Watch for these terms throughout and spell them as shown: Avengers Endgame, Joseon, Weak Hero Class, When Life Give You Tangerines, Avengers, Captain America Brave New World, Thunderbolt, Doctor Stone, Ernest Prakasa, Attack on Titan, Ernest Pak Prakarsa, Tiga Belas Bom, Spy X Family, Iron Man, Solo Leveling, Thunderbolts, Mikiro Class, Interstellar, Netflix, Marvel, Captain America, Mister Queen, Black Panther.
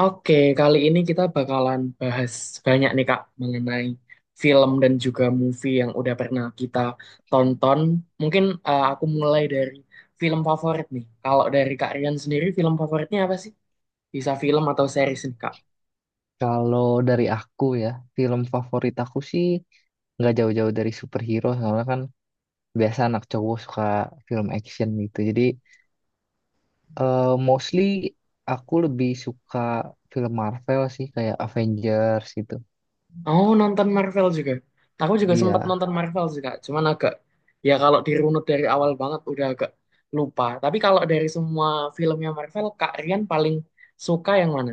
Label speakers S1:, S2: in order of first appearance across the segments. S1: Oke, kali ini kita bakalan bahas banyak nih Kak mengenai film dan juga movie yang udah pernah kita tonton. Mungkin aku mulai dari film favorit nih. Kalau dari Kak Rian sendiri film favoritnya apa sih? Bisa film atau series nih Kak?
S2: Kalau dari aku ya, film favorit aku sih nggak jauh-jauh dari superhero, soalnya kan biasa anak cowok suka film action gitu. Jadi mostly aku lebih suka film Marvel sih, kayak Avengers gitu.
S1: Oh, nonton Marvel juga. Aku juga sempat
S2: Iya.
S1: nonton Marvel sih Kak, cuman agak ya kalau dirunut dari awal banget udah agak lupa. Tapi kalau dari semua filmnya Marvel, Kak Rian paling suka yang mana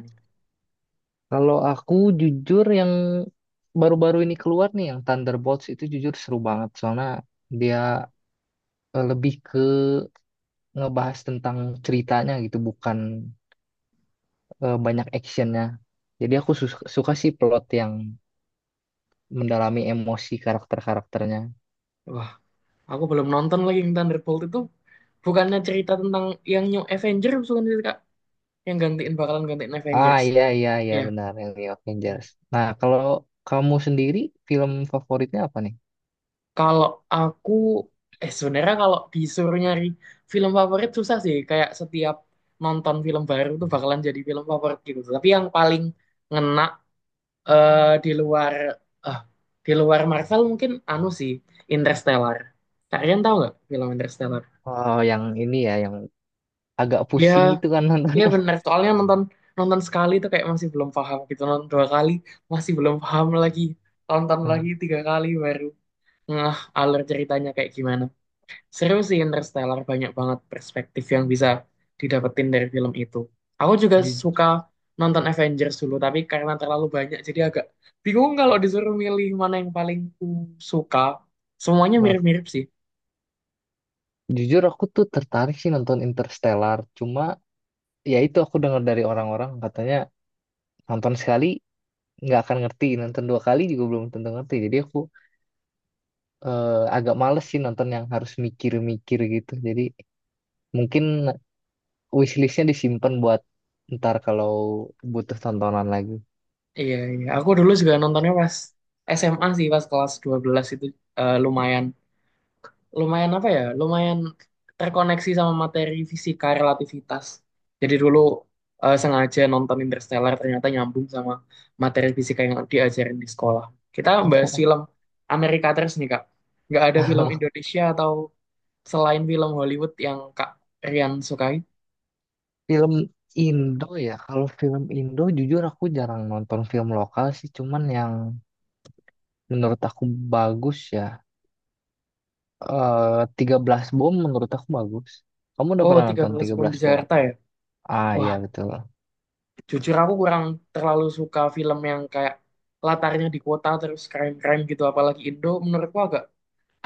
S2: Kalau aku jujur yang baru-baru ini keluar nih, yang Thunderbolts itu jujur seru banget, soalnya dia lebih ke ngebahas tentang ceritanya gitu, bukan banyak actionnya. Jadi aku suka sih plot yang mendalami emosi karakter-karakternya.
S1: nih? Aku belum nonton lagi yang Thunderbolt itu. Bukannya cerita tentang yang New Avengers bukan sih, Kak? Yang gantiin bakalan gantiin
S2: Ah,
S1: Avengers.
S2: iya iya iya,
S1: Iya.
S2: benar yang di Avengers. Nah, kalau kamu sendiri film favoritnya apa nih?
S1: Kalau aku sebenarnya kalau disuruh nyari film favorit susah sih. Kayak setiap nonton film baru tuh bakalan jadi film favorit gitu. Tapi yang paling ngena eh, di luar eh, di luar Marvel mungkin anu sih Interstellar. Kalian tahu nggak film Interstellar?
S2: Oh, yang ini ya, yang agak
S1: Ya,
S2: pusing itu kan
S1: iya
S2: nontonnya.
S1: bener, soalnya nonton nonton sekali tuh kayak masih belum paham gitu, nonton dua kali masih belum paham lagi, tonton lagi tiga kali baru ngeh alur ceritanya kayak gimana. Seru sih Interstellar, banyak banget perspektif yang bisa didapetin dari film itu. Aku juga
S2: Ju-
S1: suka nonton Avengers dulu, tapi karena terlalu banyak jadi agak bingung kalau disuruh milih mana yang paling ku suka. Semuanya
S2: Nah,
S1: mirip-mirip sih.
S2: jujur aku tuh tertarik sih nonton Interstellar. Cuma ya itu aku dengar dari orang-orang katanya nonton sekali nggak akan ngerti, nonton dua kali juga belum tentu ngerti. Jadi aku agak males sih nonton yang harus mikir-mikir gitu. Jadi mungkin wishlistnya disimpan buat ntar kalau butuh tontonan lagi.
S1: Iya, iya. Aku dulu juga nontonnya pas SMA sih, pas kelas 12 itu eh, lumayan. Lumayan terkoneksi sama materi fisika relativitas. Jadi dulu sengaja nonton Interstellar ternyata nyambung sama materi fisika yang diajarin di sekolah. Kita bahas film Amerika terus nih Kak. Nggak ada film Indonesia atau selain film Hollywood yang Kak Rian sukai?
S2: Film Indo ya, kalau film Indo jujur aku jarang nonton film lokal sih, cuman yang menurut aku bagus ya. Eh, tiga belas Bom menurut aku bagus. Kamu udah
S1: Oh,
S2: pernah
S1: tiga
S2: nonton
S1: belas
S2: tiga
S1: Bom
S2: belas
S1: di
S2: Bom?
S1: Jakarta ya?
S2: Ah, iya
S1: Wah,
S2: betul.
S1: jujur aku kurang terlalu suka film yang kayak latarnya di kota terus crime-crime gitu. Apalagi Indo menurutku agak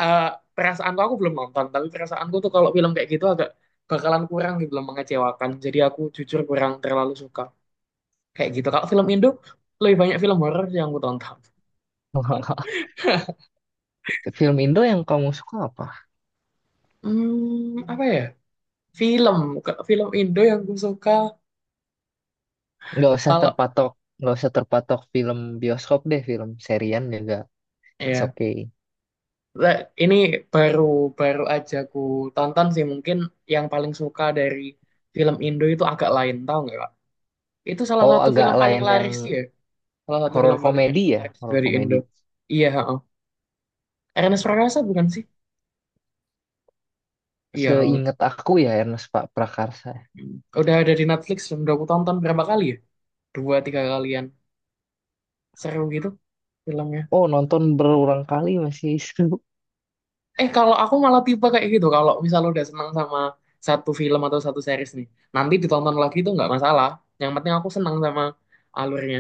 S1: eh perasaanku aku belum nonton tapi perasaanku tuh kalau film kayak gitu agak bakalan kurang gitu loh mengecewakan jadi aku jujur kurang terlalu suka kayak gitu. Kalau film Indo lebih banyak film horor yang aku tonton.
S2: Film Indo yang kamu suka apa?
S1: Apa ya, film. Kalau film Indo yang aku suka,
S2: Nggak usah
S1: kalau
S2: terpatok, nggak usah terpatok film bioskop deh, film serian juga. It's
S1: ya,
S2: okay.
S1: nah, ini baru baru aja ku tonton sih mungkin yang paling suka dari film Indo itu agak lain tahu nggak Kak? Itu salah
S2: Oh,
S1: satu
S2: agak
S1: film paling
S2: lain yang
S1: laris ya, salah satu
S2: horor
S1: film paling
S2: komedi ya,
S1: laris
S2: horor
S1: dari Indo.
S2: komedi.
S1: Iya, Ernest Prakasa bukan sih? Iya kalau nggak
S2: Seingat
S1: salah.
S2: aku ya Ernest Pak Prakarsa.
S1: Udah ada di Netflix dan udah aku tonton berapa kali ya? Dua tiga kalian. Seru gitu filmnya.
S2: Oh, nonton berulang kali masih seru.
S1: Kalau aku malah tipe kayak gitu. Kalau misalnya udah senang sama satu film atau satu series nih, nanti ditonton lagi itu nggak masalah. Yang penting aku senang sama alurnya.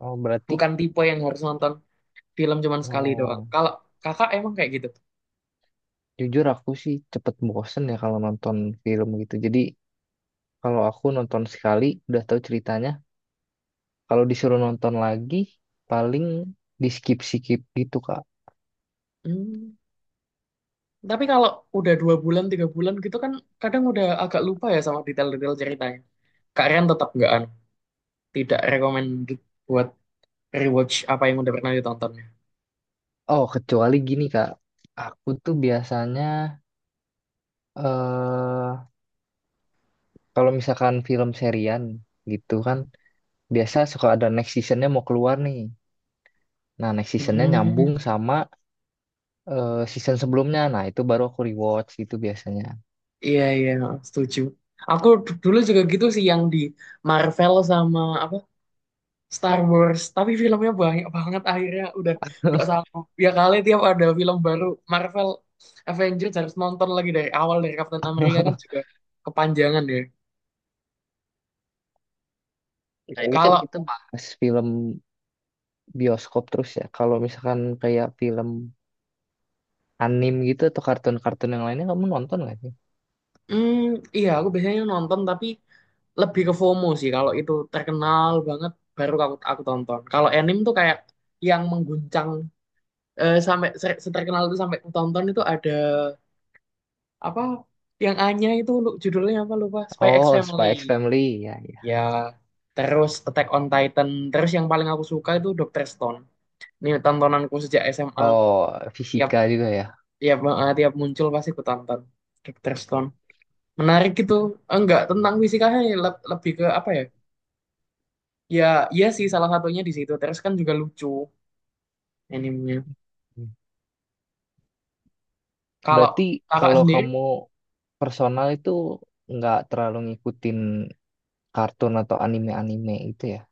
S2: Oh, berarti
S1: Bukan tipe yang harus nonton film cuman sekali doang.
S2: oh,
S1: Kalau kakak emang kayak gitu.
S2: jujur aku sih cepet bosen ya kalau nonton film gitu. Jadi kalau aku nonton sekali udah tahu ceritanya, kalau disuruh nonton lagi paling di skip-skip gitu, Kak.
S1: Hmm. Tapi kalau udah dua bulan tiga bulan gitu kan kadang udah agak lupa ya sama detail-detail ceritanya. Kak Rian tetap nggak tidak recommended buat rewatch apa yang udah pernah ditontonnya.
S2: Oh, kecuali gini, Kak. Aku tuh biasanya eh kalau misalkan film serian gitu kan biasa suka ada next seasonnya mau keluar nih. Nah, next seasonnya
S1: Hmm,
S2: nyambung sama season sebelumnya. Nah, itu baru aku rewatch gitu biasanya.
S1: iya iya, setuju. Dulu juga gitu sih yang di Marvel sama apa Star Wars, tapi filmnya banyak banget akhirnya udah gak sanggup. Ya kali tiap ada film baru Marvel Avengers harus nonton lagi dari awal dari Captain America kan juga kepanjangan deh.
S2: Nah, ini kan
S1: Kalau
S2: kita bahas film bioskop terus ya. Kalau misalkan kayak film anim gitu atau kartun-kartun yang lainnya kamu nonton nggak sih?
S1: hmm, iya aku biasanya nonton tapi lebih ke FOMO sih kalau itu terkenal banget baru aku tonton. Kalau anime tuh kayak yang mengguncang eh, sampai se- seterkenal itu sampai aku tonton itu ada apa yang Anya itu judulnya apa lupa, Spy X
S2: Oh,
S1: Family.
S2: Spy X Family ya ya.
S1: Ya, terus Attack on Titan, terus yang paling aku suka itu Doctor Stone. Ini tontonanku sejak SMA.
S2: Oh,
S1: Tiap
S2: Fisika juga ya.
S1: tiap eh, Tiap muncul pasti aku tonton Doctor Stone. Menarik gitu. Eh, enggak, tentang fisikanya lebih ke apa ya? Ya, iya sih salah satunya di situ. Terus kan juga lucu animenya. Kalau
S2: Berarti
S1: kakak
S2: kalau
S1: sendiri
S2: kamu personal itu nggak terlalu ngikutin kartun atau anime-anime itu ya?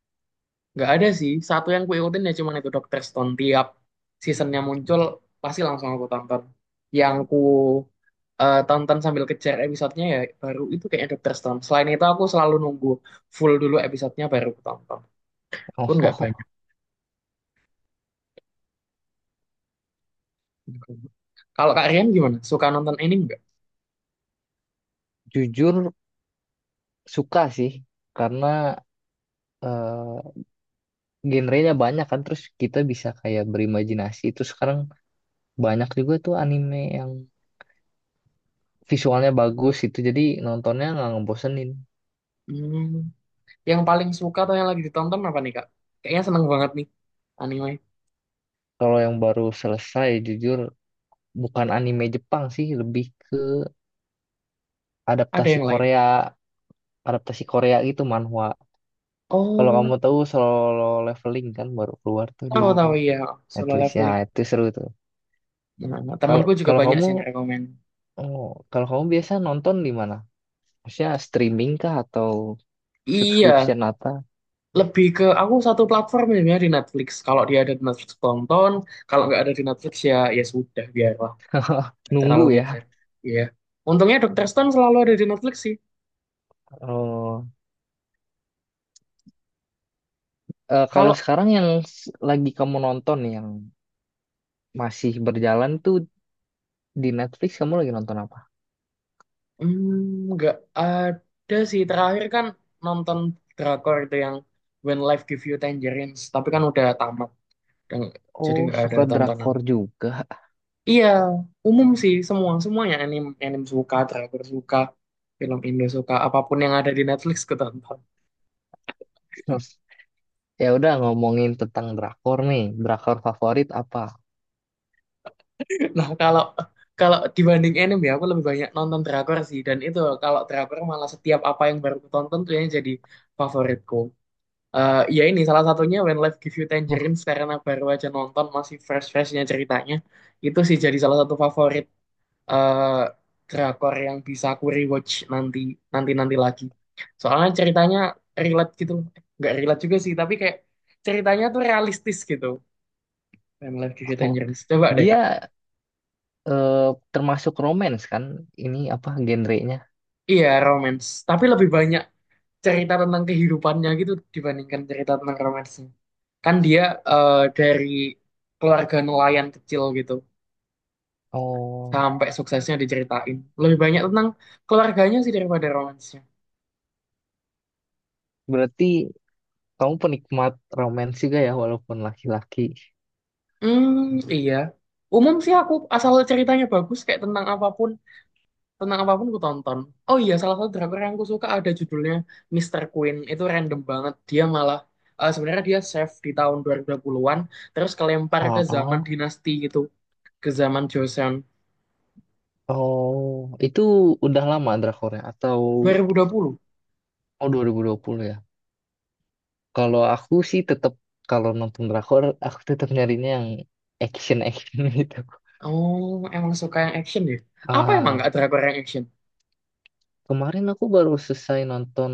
S1: nggak ada sih. Satu yang kuikutin ya cuma itu Doctor Stone. Tiap seasonnya muncul pasti langsung aku tonton. Yang ku tonton sambil kejar episodenya ya baru itu kayaknya Doctor Stone. Selain itu aku selalu nunggu full dulu episodenya baru aku tonton. Pun nggak
S2: Oh,
S1: banyak. Kalau Kak Rian gimana? Suka nonton anime nggak?
S2: jujur suka sih karena eh, genrenya banyak kan terus kita bisa kayak berimajinasi itu sekarang banyak juga tuh anime yang visualnya bagus itu jadi nontonnya nggak ngebosenin.
S1: Hmm, yang paling suka atau yang lagi ditonton apa nih Kak? Kayaknya seneng banget nih anime.
S2: Kalau yang baru selesai jujur bukan anime Jepang sih, lebih ke
S1: Ada
S2: adaptasi
S1: yang lain?
S2: Korea, adaptasi Korea gitu, manhwa. Kalau
S1: Oh,
S2: kamu tahu Solo Leveling kan baru keluar tuh di
S1: tahu tahu ya, solo
S2: Netflix ya,
S1: leveling.
S2: itu seru tuh.
S1: Nah, nah,
S2: kalau
S1: temanku juga
S2: kalau
S1: banyak
S2: kamu
S1: sih yang rekomen.
S2: oh, kalau kamu biasa nonton di mana, maksudnya streaming kah atau
S1: Iya,
S2: subscription apa?
S1: lebih ke aku satu platform ya di Netflix. Kalau dia ada di Netflix tonton, kalau nggak ada di Netflix ya ya sudah biarlah, nggak
S2: Nunggu
S1: terlalu
S2: ya.
S1: ngejar. Iya. Untungnya Dokter Stone selalu ada di Netflix sih.
S2: Oh, eh, kalau
S1: Kalau
S2: sekarang yang lagi kamu nonton yang masih berjalan tuh di Netflix kamu lagi nonton apa?
S1: nggak ada sih, terakhir kan nonton drakor itu yang When Life Give You Tangerines, tapi kan udah tamat, dan- jadi
S2: Oh,
S1: nggak ada
S2: suka
S1: tontonan.
S2: drakor juga.
S1: Iya, umum sih, semua semuanya anime anime suka, driver suka, film Indo suka, apapun yang ada di Netflix ketonton.
S2: Ya udah, ngomongin tentang drakor nih. Drakor favorit apa?
S1: Nah, kalau kalau dibanding anime ya aku lebih banyak nonton drakor sih dan itu kalau drakor malah setiap apa yang baru aku tonton tuh yang jadi favoritku. Ya ini salah satunya When Life Give You Tangerines karena baru aja nonton masih fresh-freshnya ceritanya. Itu sih jadi salah satu favorit eh drakor yang bisa aku rewatch nanti nanti nanti lagi. Soalnya ceritanya relate gitu loh. Eh, nggak relate juga sih, tapi kayak ceritanya tuh realistis gitu. When Life Gives You Tangerines. Coba deh Kak.
S2: Dia termasuk romance kan? Ini apa genrenya?
S1: Iya, romance. Tapi lebih banyak cerita tentang kehidupannya gitu dibandingkan cerita tentang romansnya. Kan dia dari keluarga nelayan kecil gitu
S2: Oh,
S1: sampai suksesnya diceritain. Lebih banyak tentang keluarganya sih daripada romans.
S2: berarti kamu penikmat romance juga ya walaupun laki-laki.
S1: Hmm, iya. Umum sih aku asal ceritanya bagus kayak tentang apapun aku tonton. Oh iya, salah satu drakor yang aku suka ada judulnya Mister Queen. Itu random banget. Dia malah sebenarnya dia chef di tahun 2020-an terus kelempar ke zaman
S2: Oh,
S1: dinasti gitu, ke zaman Joseon.
S2: oh, itu udah lama drakornya atau
S1: Dua, 2020.
S2: Oh, 2020 ya. Kalau aku sih tetap kalau nonton drakor aku tetap nyarinya yang action action gitu.
S1: Oh, emang suka yang action ya? Apa emang
S2: Ah,
S1: nggak drakor yang action?
S2: kemarin aku baru selesai nonton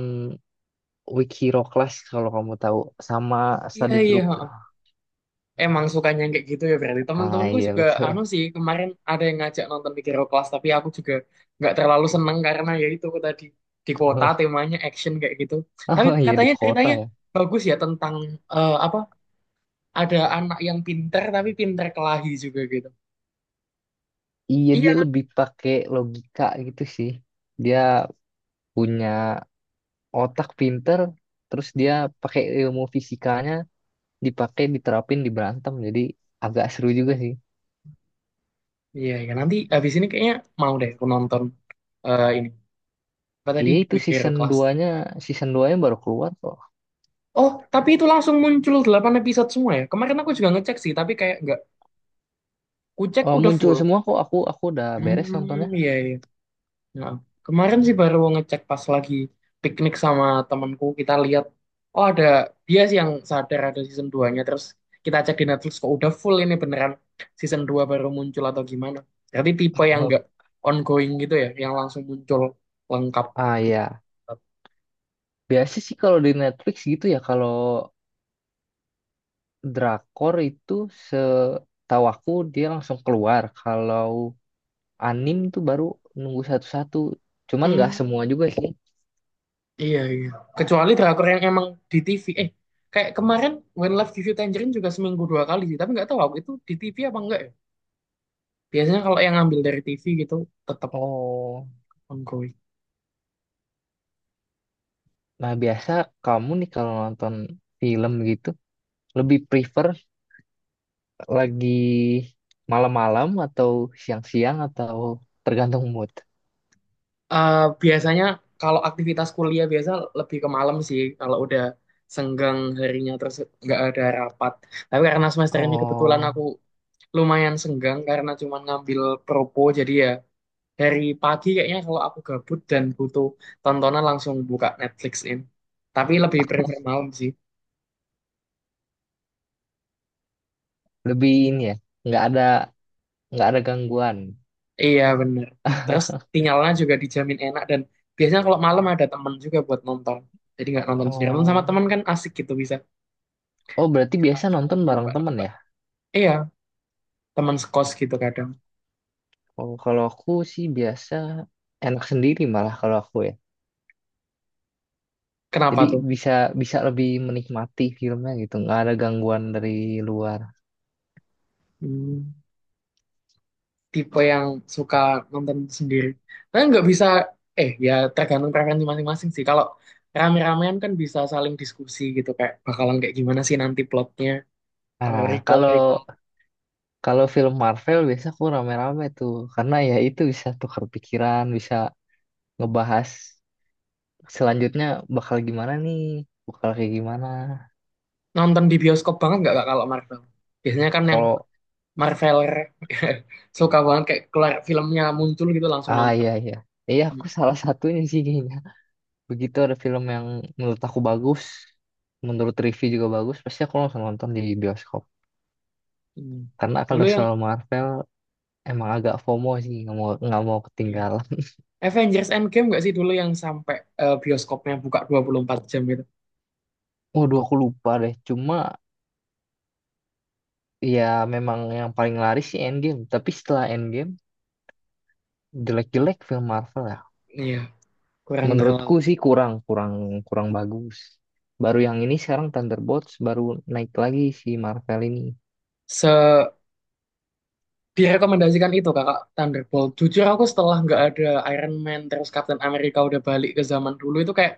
S2: Weak Hero Class kalau kamu tahu, sama
S1: Iya,
S2: study
S1: iya,
S2: group.
S1: ha. Emang sukanya yang kayak gitu ya, berarti
S2: Ah
S1: temen-temenku
S2: iya
S1: juga anu
S2: betul.
S1: sih, kemarin ada yang ngajak nonton Mikiro Class tapi aku juga nggak terlalu seneng karena ya itu tadi di kota temanya action kayak gitu. Tapi
S2: Oh iya, di
S1: katanya
S2: kota
S1: ceritanya
S2: ya.
S1: bagus ya tentang eh, apa ada anak yang pinter tapi pinter kelahi juga gitu.
S2: Iya,
S1: Iya.
S2: dia lebih pakai logika gitu sih. Dia punya otak pinter, terus dia pakai ilmu fisikanya, dipakai diterapin di berantem. Jadi agak seru juga.
S1: Iya iya, nanti habis ini kayaknya mau deh aku nonton eh, ini apa tadi
S2: Iya itu
S1: Mikiro
S2: season
S1: Class.
S2: duanya, season 2-nya baru keluar kok.
S1: Oh tapi itu langsung muncul 8 episode semua ya, kemarin aku juga ngecek sih tapi kayak nggak kucek
S2: Eh,
S1: udah
S2: muncul
S1: full.
S2: semua kok, aku udah beres nontonnya.
S1: Hmm, iya, iya. Nah, kemarin sih baru ngecek pas lagi piknik sama temanku, kita lihat oh ada, dia sih yang sadar ada season 2-nya terus kita cek di Netflix kok udah full, ini beneran season 2 baru muncul atau gimana. Berarti tipe yang enggak ongoing gitu ya, yang langsung muncul lengkap.
S2: Ah ya, biasa sih kalau di Netflix gitu ya, kalau drakor itu setahu aku dia langsung keluar. Kalau anim tuh baru nunggu satu-satu. Cuman nggak
S1: Hmm,
S2: semua juga sih.
S1: iya iya. Kecuali drakor yang emang di TV. Eh, kayak kemarin When Life Gives You Tangerine juga seminggu dua kali sih, tapi nggak tahu aku itu di TV apa enggak ya. Biasanya kalau yang ngambil dari TV gitu tetap
S2: Oh,
S1: ongoing.
S2: nah biasa kamu nih kalau nonton film gitu lebih prefer lagi malam-malam atau siang-siang atau tergantung mood.
S1: Eh, Biasanya kalau aktivitas kuliah biasa lebih ke malam sih kalau udah senggang harinya terus nggak ada rapat. Tapi karena semester ini kebetulan aku
S2: Oh,
S1: lumayan senggang karena cuma ngambil propo jadi ya dari pagi kayaknya kalau aku gabut dan butuh tontonan langsung buka Netflixin. Tapi lebih prefer malam sih.
S2: lebih ini ya. Nggak ada nggak ada gangguan.
S1: Iya bener. Terus sinyalnya juga dijamin enak dan biasanya kalau malam ada temen juga buat nonton. Jadi nggak nonton sendirian. Nonton sama
S2: Oh,
S1: temen kan asik gitu bisa.
S2: oh berarti
S1: Kita
S2: biasa
S1: saling
S2: nonton bareng temen
S1: menebak-nebak.
S2: ya?
S1: Iya, teman sekos gitu kadang.
S2: Oh, kalau aku sih biasa enak sendiri malah kalau aku ya.
S1: Kenapa
S2: Jadi
S1: tuh?
S2: bisa bisa lebih menikmati filmnya gitu, nggak ada gangguan dari luar.
S1: Hmm, tipe yang suka nonton sendiri. Karena nggak bisa, ya tergantung preferensi masing-masing sih. Kalau rame-ramean kan bisa saling diskusi gitu kayak bakalan kayak gimana sih nanti plotnya. Atau
S2: Nah, kalau
S1: recall-recall.
S2: kalau film Marvel biasa aku rame-rame tuh, karena ya itu bisa tukar pikiran, bisa ngebahas selanjutnya bakal gimana nih, bakal kayak gimana.
S1: Nonton di bioskop banget nggak Kak, kalau Marvel? Biasanya kan yang
S2: Kalau
S1: Marveler suka banget kayak keluar filmnya muncul gitu langsung
S2: ah
S1: nonton.
S2: iya iya. Iya
S1: Hmm,
S2: aku salah satunya sih kayaknya. Begitu ada film yang menurut aku bagus, menurut review juga bagus, pasti aku langsung nonton di bioskop.
S1: hmm.
S2: Karena
S1: Dulu
S2: kalau
S1: yang
S2: soal Marvel emang agak FOMO sih, nggak mau
S1: iya.
S2: ketinggalan.
S1: Avengers Endgame nggak sih dulu yang sampai bioskopnya buka 24 jam gitu?
S2: Waduh, aku lupa deh. Cuma ya memang yang paling laris sih Endgame. Tapi setelah Endgame jelek-jelek film Marvel ya.
S1: Iya, kurang
S2: Menurutku
S1: terlalu
S2: sih kurang kurang kurang bagus. Baru yang ini sekarang Thunderbolts baru naik lagi si Marvel ini.
S1: se direkomendasikan itu kakak Thunderbolt. Jujur aku setelah nggak ada Iron Man terus Captain America udah balik ke zaman dulu itu kayak,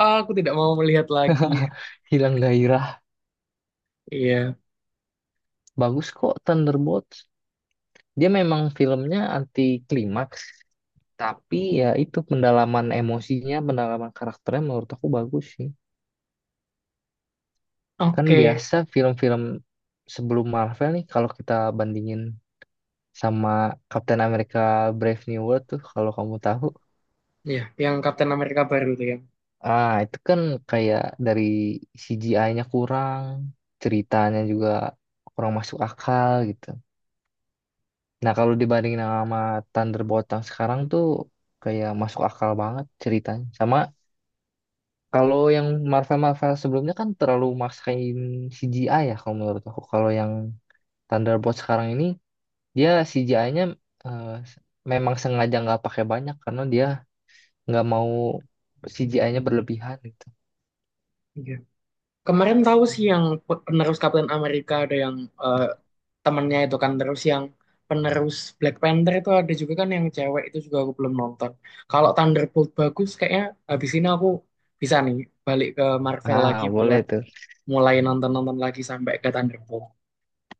S1: "Ah, aku tidak mau melihat lagi."
S2: Hilang gairah.
S1: Iya.
S2: Bagus kok Thunderbolts. Dia memang filmnya anti klimaks, tapi ya itu pendalaman emosinya, pendalaman karakternya menurut aku bagus sih. Kan
S1: Oke.
S2: biasa film-film sebelum Marvel nih kalau kita bandingin sama Captain America Brave New World tuh, kalau kamu tahu.
S1: Iya, yang Captain America baru tuh yang
S2: Ah, itu kan kayak dari CGI-nya kurang, ceritanya juga kurang masuk akal gitu. Nah, kalau dibandingin sama Thunderbolt yang sekarang tuh kayak masuk akal banget ceritanya. Sama kalau yang Marvel-Marvel sebelumnya kan terlalu maksain CGI ya kalau menurut aku. Kalau yang Thunderbolt sekarang ini dia CGI-nya memang sengaja nggak pakai banyak karena dia nggak mau CGI-nya berlebihan gitu.
S1: iya. Kemarin tahu sih yang penerus Captain America ada yang eh, temennya itu kan, terus yang penerus Black Panther itu ada juga kan yang cewek, itu juga aku belum nonton. Kalau Thunderbolt bagus kayaknya habis ini aku bisa nih balik ke Marvel lagi
S2: Ah, boleh
S1: buat
S2: tuh.
S1: mulai nonton-nonton lagi sampai ke Thunderbolt.